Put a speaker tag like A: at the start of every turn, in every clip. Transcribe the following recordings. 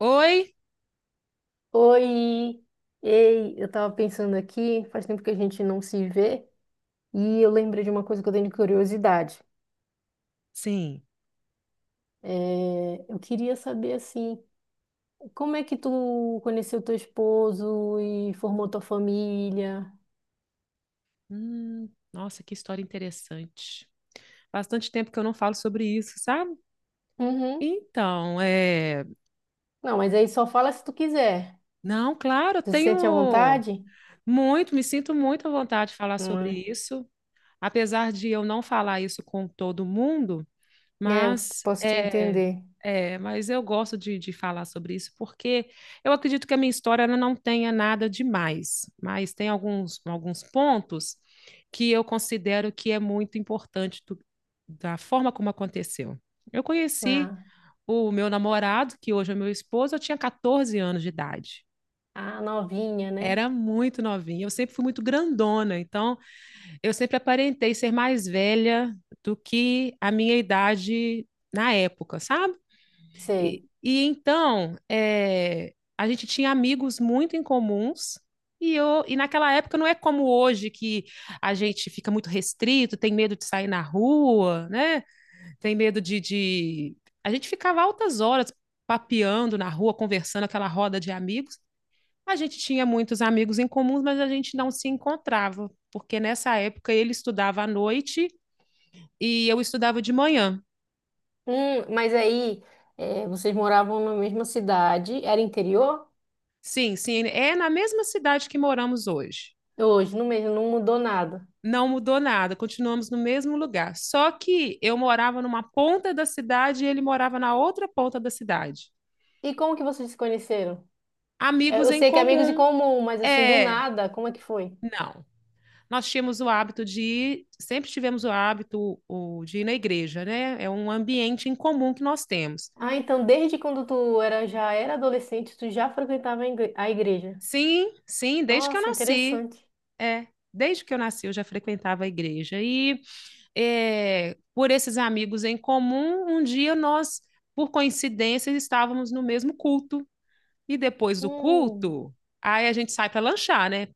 A: Oi?
B: Oi! Ei, eu tava pensando aqui, faz tempo que a gente não se vê, e eu lembrei de uma coisa que eu tenho de curiosidade.
A: Sim.
B: É, eu queria saber, assim, como é que tu conheceu teu esposo e formou tua família?
A: Nossa, que história interessante. Bastante tempo que eu não falo sobre isso, sabe?
B: Uhum.
A: Então, é.
B: Não, mas aí só fala se tu quiser.
A: Não, claro, eu
B: Tu se sente à
A: tenho
B: vontade?
A: muito, me sinto muito à vontade de falar sobre
B: Hum.
A: isso. Apesar de eu não falar isso com todo mundo,
B: É, eu
A: mas
B: posso te entender.
A: mas eu gosto de falar sobre isso porque eu acredito que a minha história ela não tenha nada demais, mas tem alguns pontos que eu considero que é muito importante da forma como aconteceu. Eu conheci
B: Ah,
A: o meu namorado, que hoje é meu esposo, eu tinha 14 anos de idade.
B: a novinha, né?
A: Era muito novinha, eu sempre fui muito grandona, então eu sempre aparentei ser mais velha do que a minha idade na época, sabe? E,
B: Sei.
A: e então, a gente tinha amigos muito em comuns. E naquela época não é como hoje que a gente fica muito restrito, tem medo de sair na rua, né? Tem medo de. A gente ficava altas horas papeando na rua, conversando, aquela roda de amigos. A gente tinha muitos amigos em comuns, mas a gente não se encontrava, porque nessa época ele estudava à noite e eu estudava de manhã.
B: Mas aí, é, vocês moravam na mesma cidade, era interior?
A: Sim, é na mesma cidade que moramos hoje.
B: Hoje, no mesmo, não mudou nada.
A: Não mudou nada, continuamos no mesmo lugar. Só que eu morava numa ponta da cidade e ele morava na outra ponta da cidade.
B: E como que vocês se conheceram? É,
A: Amigos
B: eu
A: em
B: sei que é amigos em
A: comum.
B: comum, mas assim, do
A: É,
B: nada, como é que foi?
A: não. Nós tínhamos o hábito de ir, sempre tivemos o hábito de ir na igreja, né? É um ambiente em comum que nós temos.
B: Ah, então desde quando tu era, já era adolescente, tu já frequentava a a igreja.
A: Sim, desde que eu
B: Nossa,
A: nasci.
B: interessante.
A: É, desde que eu nasci eu já frequentava a igreja. E por esses amigos em comum, por coincidência, estávamos no mesmo culto. E depois do
B: Hum,
A: culto, aí a gente sai para lanchar, né?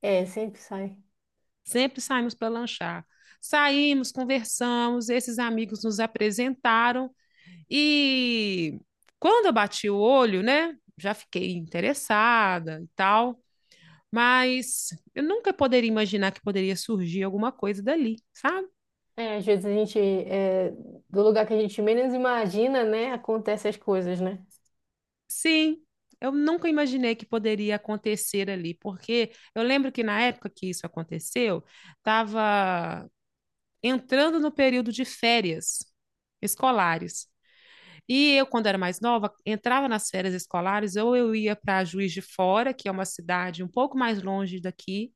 B: é, sempre sai.
A: Sempre saímos para lanchar. Saímos, conversamos, esses amigos nos apresentaram e quando eu bati o olho, né, já fiquei interessada e tal, mas eu nunca poderia imaginar que poderia surgir alguma coisa dali, sabe?
B: É, às vezes a gente, é, do lugar que a gente menos imagina, né, acontecem as coisas, né?
A: Sim, eu nunca imaginei que poderia acontecer ali, porque eu lembro que na época que isso aconteceu, estava entrando no período de férias escolares. E eu, quando era mais nova, entrava nas férias escolares, ou eu ia para Juiz de Fora, que é uma cidade um pouco mais longe daqui,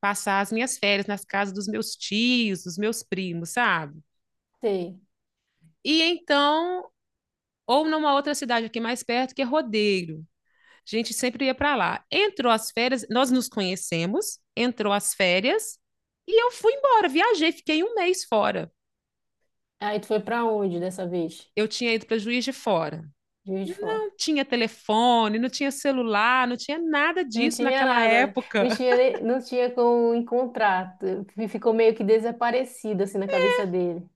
A: passar as minhas férias nas casas dos meus tios, dos meus primos, sabe?
B: Sei.
A: E então, ou numa outra cidade aqui mais perto, que é Rodeiro. A gente sempre ia para lá. Entrou as férias, nós nos conhecemos, entrou as férias, e eu fui embora, viajei, fiquei 1 mês fora.
B: Aí tu foi pra onde dessa vez?
A: Eu tinha ido para Juiz de Fora.
B: Juiz de Fora.
A: Não tinha telefone, não tinha celular, não tinha nada
B: Não
A: disso
B: tinha
A: naquela
B: nada, não
A: época.
B: tinha, não tinha como encontrar. Ficou meio que desaparecido assim na cabeça dele.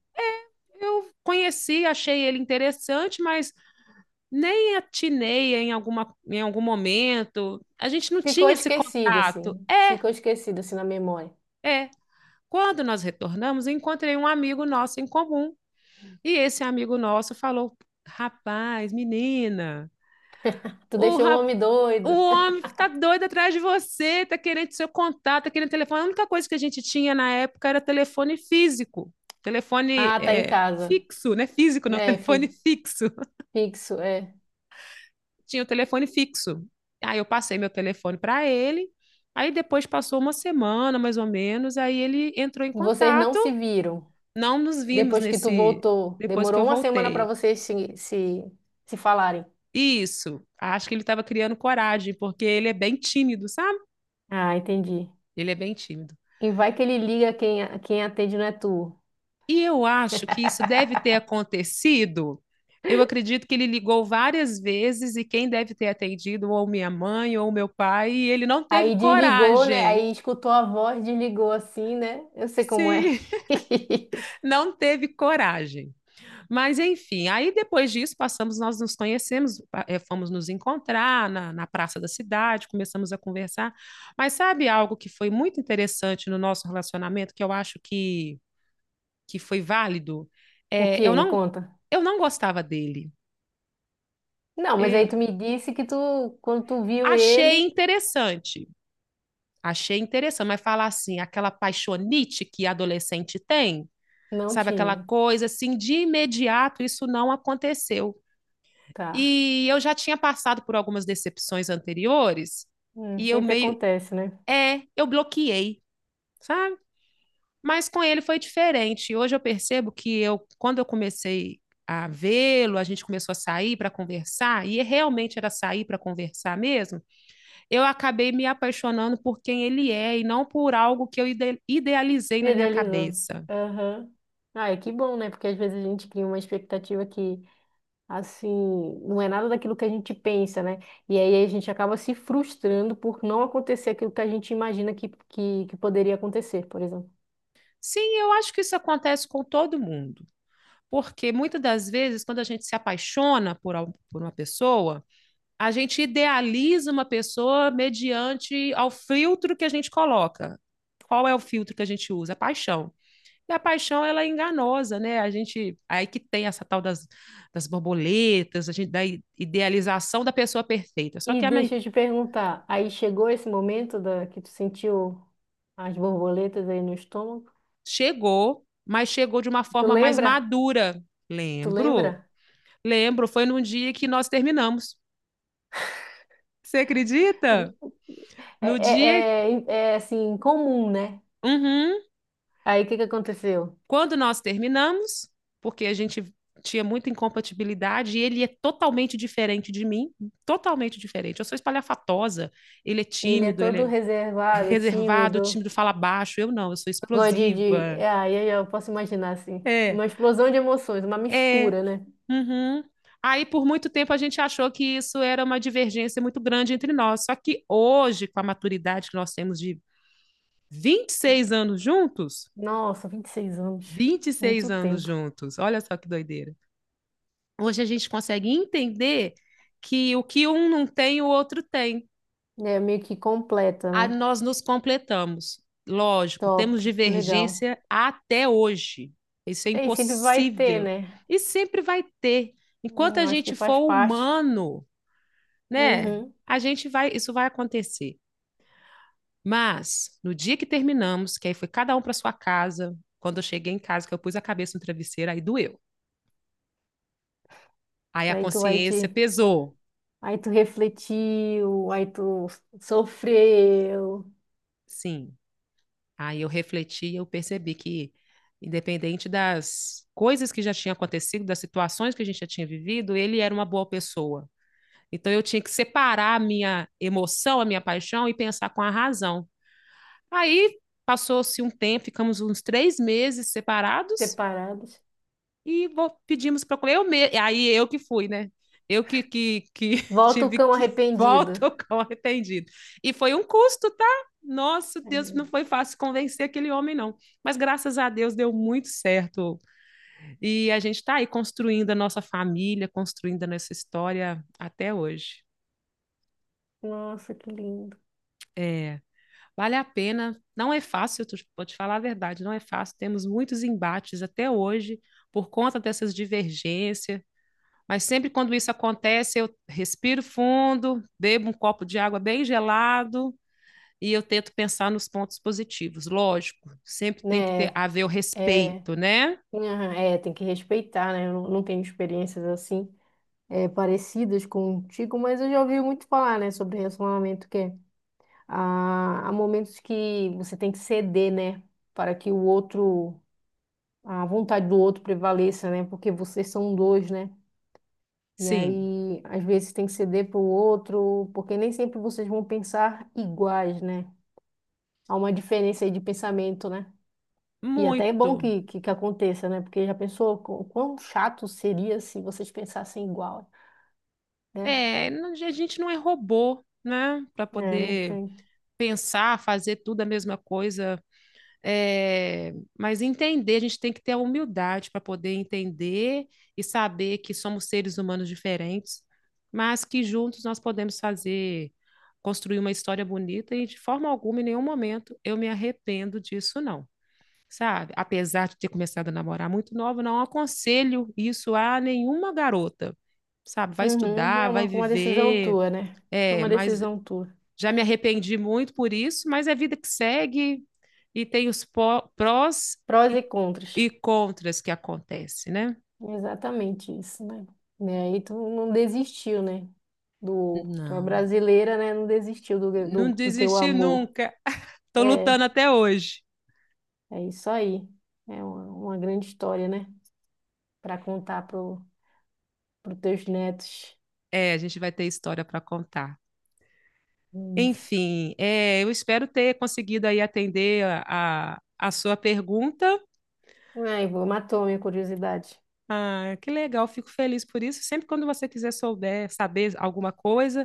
A: Eu conheci, achei ele interessante, mas nem atinei em algum momento. A gente não tinha esse contato.
B: Ficou esquecido assim na memória.
A: É. Quando nós retornamos, encontrei um amigo nosso em comum. E esse amigo nosso falou: rapaz, menina,
B: Tu
A: O,
B: deixou o
A: rap...
B: homem
A: o
B: doido.
A: homem tá doido atrás de você, tá querendo seu contato, tá querendo telefone. A única coisa que a gente tinha na época era telefone físico. Telefone
B: Ah, tá em casa.
A: fixo, né? Físico, não,
B: É,
A: telefone fixo.
B: fixo, é.
A: Tinha o telefone fixo. Aí eu passei meu telefone para ele. Aí depois passou uma semana, mais ou menos, aí ele entrou em
B: Vocês não
A: contato.
B: se viram
A: Não nos vimos
B: depois que tu
A: nesse
B: voltou.
A: depois que eu
B: Demorou uma semana para
A: voltei.
B: vocês se falarem.
A: Isso, acho que ele estava criando coragem, porque ele é bem tímido, sabe?
B: Ah, entendi.
A: Ele é bem tímido.
B: E vai que ele liga, quem, quem atende não é tu.
A: E eu acho que isso deve ter acontecido. Eu acredito que ele ligou várias vezes e quem deve ter atendido ou minha mãe ou meu pai, e ele não teve
B: Aí desligou, né?
A: coragem.
B: Aí escutou a voz, desligou assim, né? Eu sei como é.
A: Sim, não teve coragem. Mas enfim, aí depois disso passamos, nós nos conhecemos, fomos nos encontrar na praça da cidade, começamos a conversar. Mas sabe algo que foi muito interessante no nosso relacionamento, que foi válido?
B: O
A: É, eu
B: quê? Me
A: não,
B: conta.
A: eu não gostava dele.
B: Não, mas
A: É,
B: aí tu me disse que tu, quando tu viu
A: Achei
B: ele,
A: achei interessante, mas falar assim, aquela paixonite que adolescente tem,
B: não
A: sabe, aquela
B: tinha.
A: coisa assim, de imediato isso não aconteceu.
B: Tá.
A: E eu já tinha passado por algumas decepções anteriores, e eu
B: Sempre
A: meio,
B: acontece, né?
A: eu bloqueei, sabe? Mas com ele foi diferente. Hoje eu percebo que eu, quando eu comecei a vê-lo, a gente começou a sair para conversar, e realmente era sair para conversar mesmo, eu acabei me apaixonando por quem ele é e não por algo que eu idealizei na minha
B: Idealizou.
A: cabeça.
B: Aham. Ah, é que bom, né? Porque às vezes a gente cria uma expectativa que, assim, não é nada daquilo que a gente pensa, né? E aí a gente acaba se frustrando por não acontecer aquilo que a gente imagina que poderia acontecer, por exemplo.
A: Sim, eu acho que isso acontece com todo mundo, porque muitas das vezes, quando a gente se apaixona por uma pessoa, a gente idealiza uma pessoa mediante ao filtro que a gente coloca. Qual é o filtro que a gente usa? A paixão. E a paixão, ela é enganosa, né? A gente, aí que tem essa tal das borboletas, a gente, da idealização da pessoa perfeita. Só
B: E
A: que a, men-
B: deixa eu te perguntar, aí chegou esse momento da que tu sentiu as borboletas aí no estômago?
A: Chegou, mas chegou de uma
B: Tu
A: forma mais
B: lembra?
A: madura.
B: Tu
A: Lembro,
B: lembra?
A: lembro, foi num dia que nós terminamos. Você acredita? No dia,
B: Assim, comum, né?
A: uhum,
B: Aí o que que aconteceu?
A: quando nós terminamos, porque a gente tinha muita incompatibilidade e ele é totalmente diferente de mim, totalmente diferente. Eu sou espalhafatosa,
B: Ele é
A: ele
B: todo
A: é
B: reservado,
A: reservado,
B: tímido,
A: tímido, fala baixo. Eu não, eu sou
B: gosta de...
A: explosiva.
B: Aí eu posso imaginar, assim,
A: É,
B: uma explosão de emoções, uma
A: é.
B: mistura, né?
A: Uhum. Aí, por muito tempo, a gente achou que isso era uma divergência muito grande entre nós. Só que hoje, com a maturidade que nós temos de 26 anos juntos,
B: Nossa, 26 anos,
A: vinte e seis
B: muito
A: anos
B: tempo.
A: juntos, olha só que doideira. Hoje a gente consegue entender que o que um não tem, o outro tem.
B: É meio que completa,
A: Aí
B: né?
A: nós nos completamos. Lógico, temos
B: Top, que legal.
A: divergência até hoje. Isso é
B: E sempre vai ter,
A: impossível.
B: né?
A: E sempre vai ter. Enquanto a
B: Eu acho que
A: gente
B: faz
A: for
B: parte.
A: humano, né?
B: Uhum.
A: A gente vai, isso vai acontecer. Mas no dia que terminamos, que aí foi cada um para sua casa, quando eu cheguei em casa, que eu pus a cabeça no travesseiro, aí doeu. Aí a
B: Aí tu vai te.
A: consciência pesou.
B: Aí tu refletiu, aí tu sofreu,
A: Sim. Aí eu refleti e eu percebi que, independente das coisas que já tinham acontecido, das situações que a gente já tinha vivido, ele era uma boa pessoa. Então eu tinha que separar a minha emoção, a minha paixão e pensar com a razão. Aí passou-se um tempo, ficamos uns 3 meses separados.
B: separados.
A: Pedimos para comer. Aí eu que fui, né? Eu que
B: Volta o
A: tive
B: cão
A: que.
B: arrependido.
A: Volto com arrependido. E foi um custo, tá? Nossa, Deus,
B: É.
A: não foi fácil convencer aquele homem, não. Mas graças a Deus deu muito certo. E a gente está aí construindo a nossa família, construindo a nossa história até hoje.
B: Nossa, que lindo.
A: É, vale a pena. Não é fácil, vou te falar a verdade, não é fácil. Temos muitos embates até hoje por conta dessas divergências. Mas sempre quando isso acontece, eu respiro fundo, bebo um copo de água bem gelado e eu tento pensar nos pontos positivos. Lógico, sempre tem que
B: Né?
A: ter haver o
B: É,
A: respeito, né?
B: aham, é, tem que respeitar, né? Eu não tenho experiências assim é, parecidas contigo, mas eu já ouvi muito falar, né, sobre relacionamento que é, há momentos que você tem que ceder, né, para que o outro a vontade do outro prevaleça, né? Porque vocês são dois, né? E
A: Sim,
B: aí, às vezes, tem que ceder para o outro, porque nem sempre vocês vão pensar iguais, né? Há uma diferença aí de pensamento, né? E até é bom
A: muito.
B: que aconteça, né? Porque já pensou quão chato seria se vocês pensassem igual, né?
A: É, a gente não é robô, né? Para
B: É, não
A: poder
B: tem.
A: pensar, fazer tudo a mesma coisa. Mas entender, a gente tem que ter a humildade para poder entender e saber que somos seres humanos diferentes, mas que juntos nós podemos fazer, construir uma história bonita e de forma alguma, em nenhum momento, eu me arrependo disso, não. Sabe? Apesar de ter começado a namorar muito nova, não aconselho isso a nenhuma garota. Sabe? Vai
B: Uhum, é
A: estudar, vai
B: uma decisão
A: viver,
B: tua, né? É uma
A: mas
B: decisão tua.
A: já me arrependi muito por isso, mas é vida que segue, e tem os prós
B: Prós e
A: e,
B: contras.
A: e contras que acontecem, né?
B: Exatamente isso, né? Né, aí tu não desistiu, né? Do, tu é
A: Não.
B: brasileira, né? Não desistiu
A: Não
B: do teu
A: desisti
B: amor.
A: nunca. Estou
B: É,
A: lutando até hoje.
B: é isso aí. É uma grande história, né? Para contar pro, pro teus netos.
A: É, a gente vai ter história para contar.
B: É. Isso.
A: Enfim, eu espero ter conseguido aí atender a sua pergunta.
B: Ai, vou, matou a minha curiosidade.
A: Ah, que legal, fico feliz por isso. Sempre quando você quiser souber, saber alguma coisa,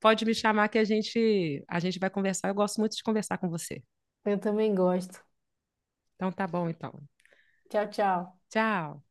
A: pode me chamar que a gente vai conversar. Eu gosto muito de conversar com você.
B: Eu também gosto.
A: Então tá bom então.
B: Tchau, tchau.
A: Tchau.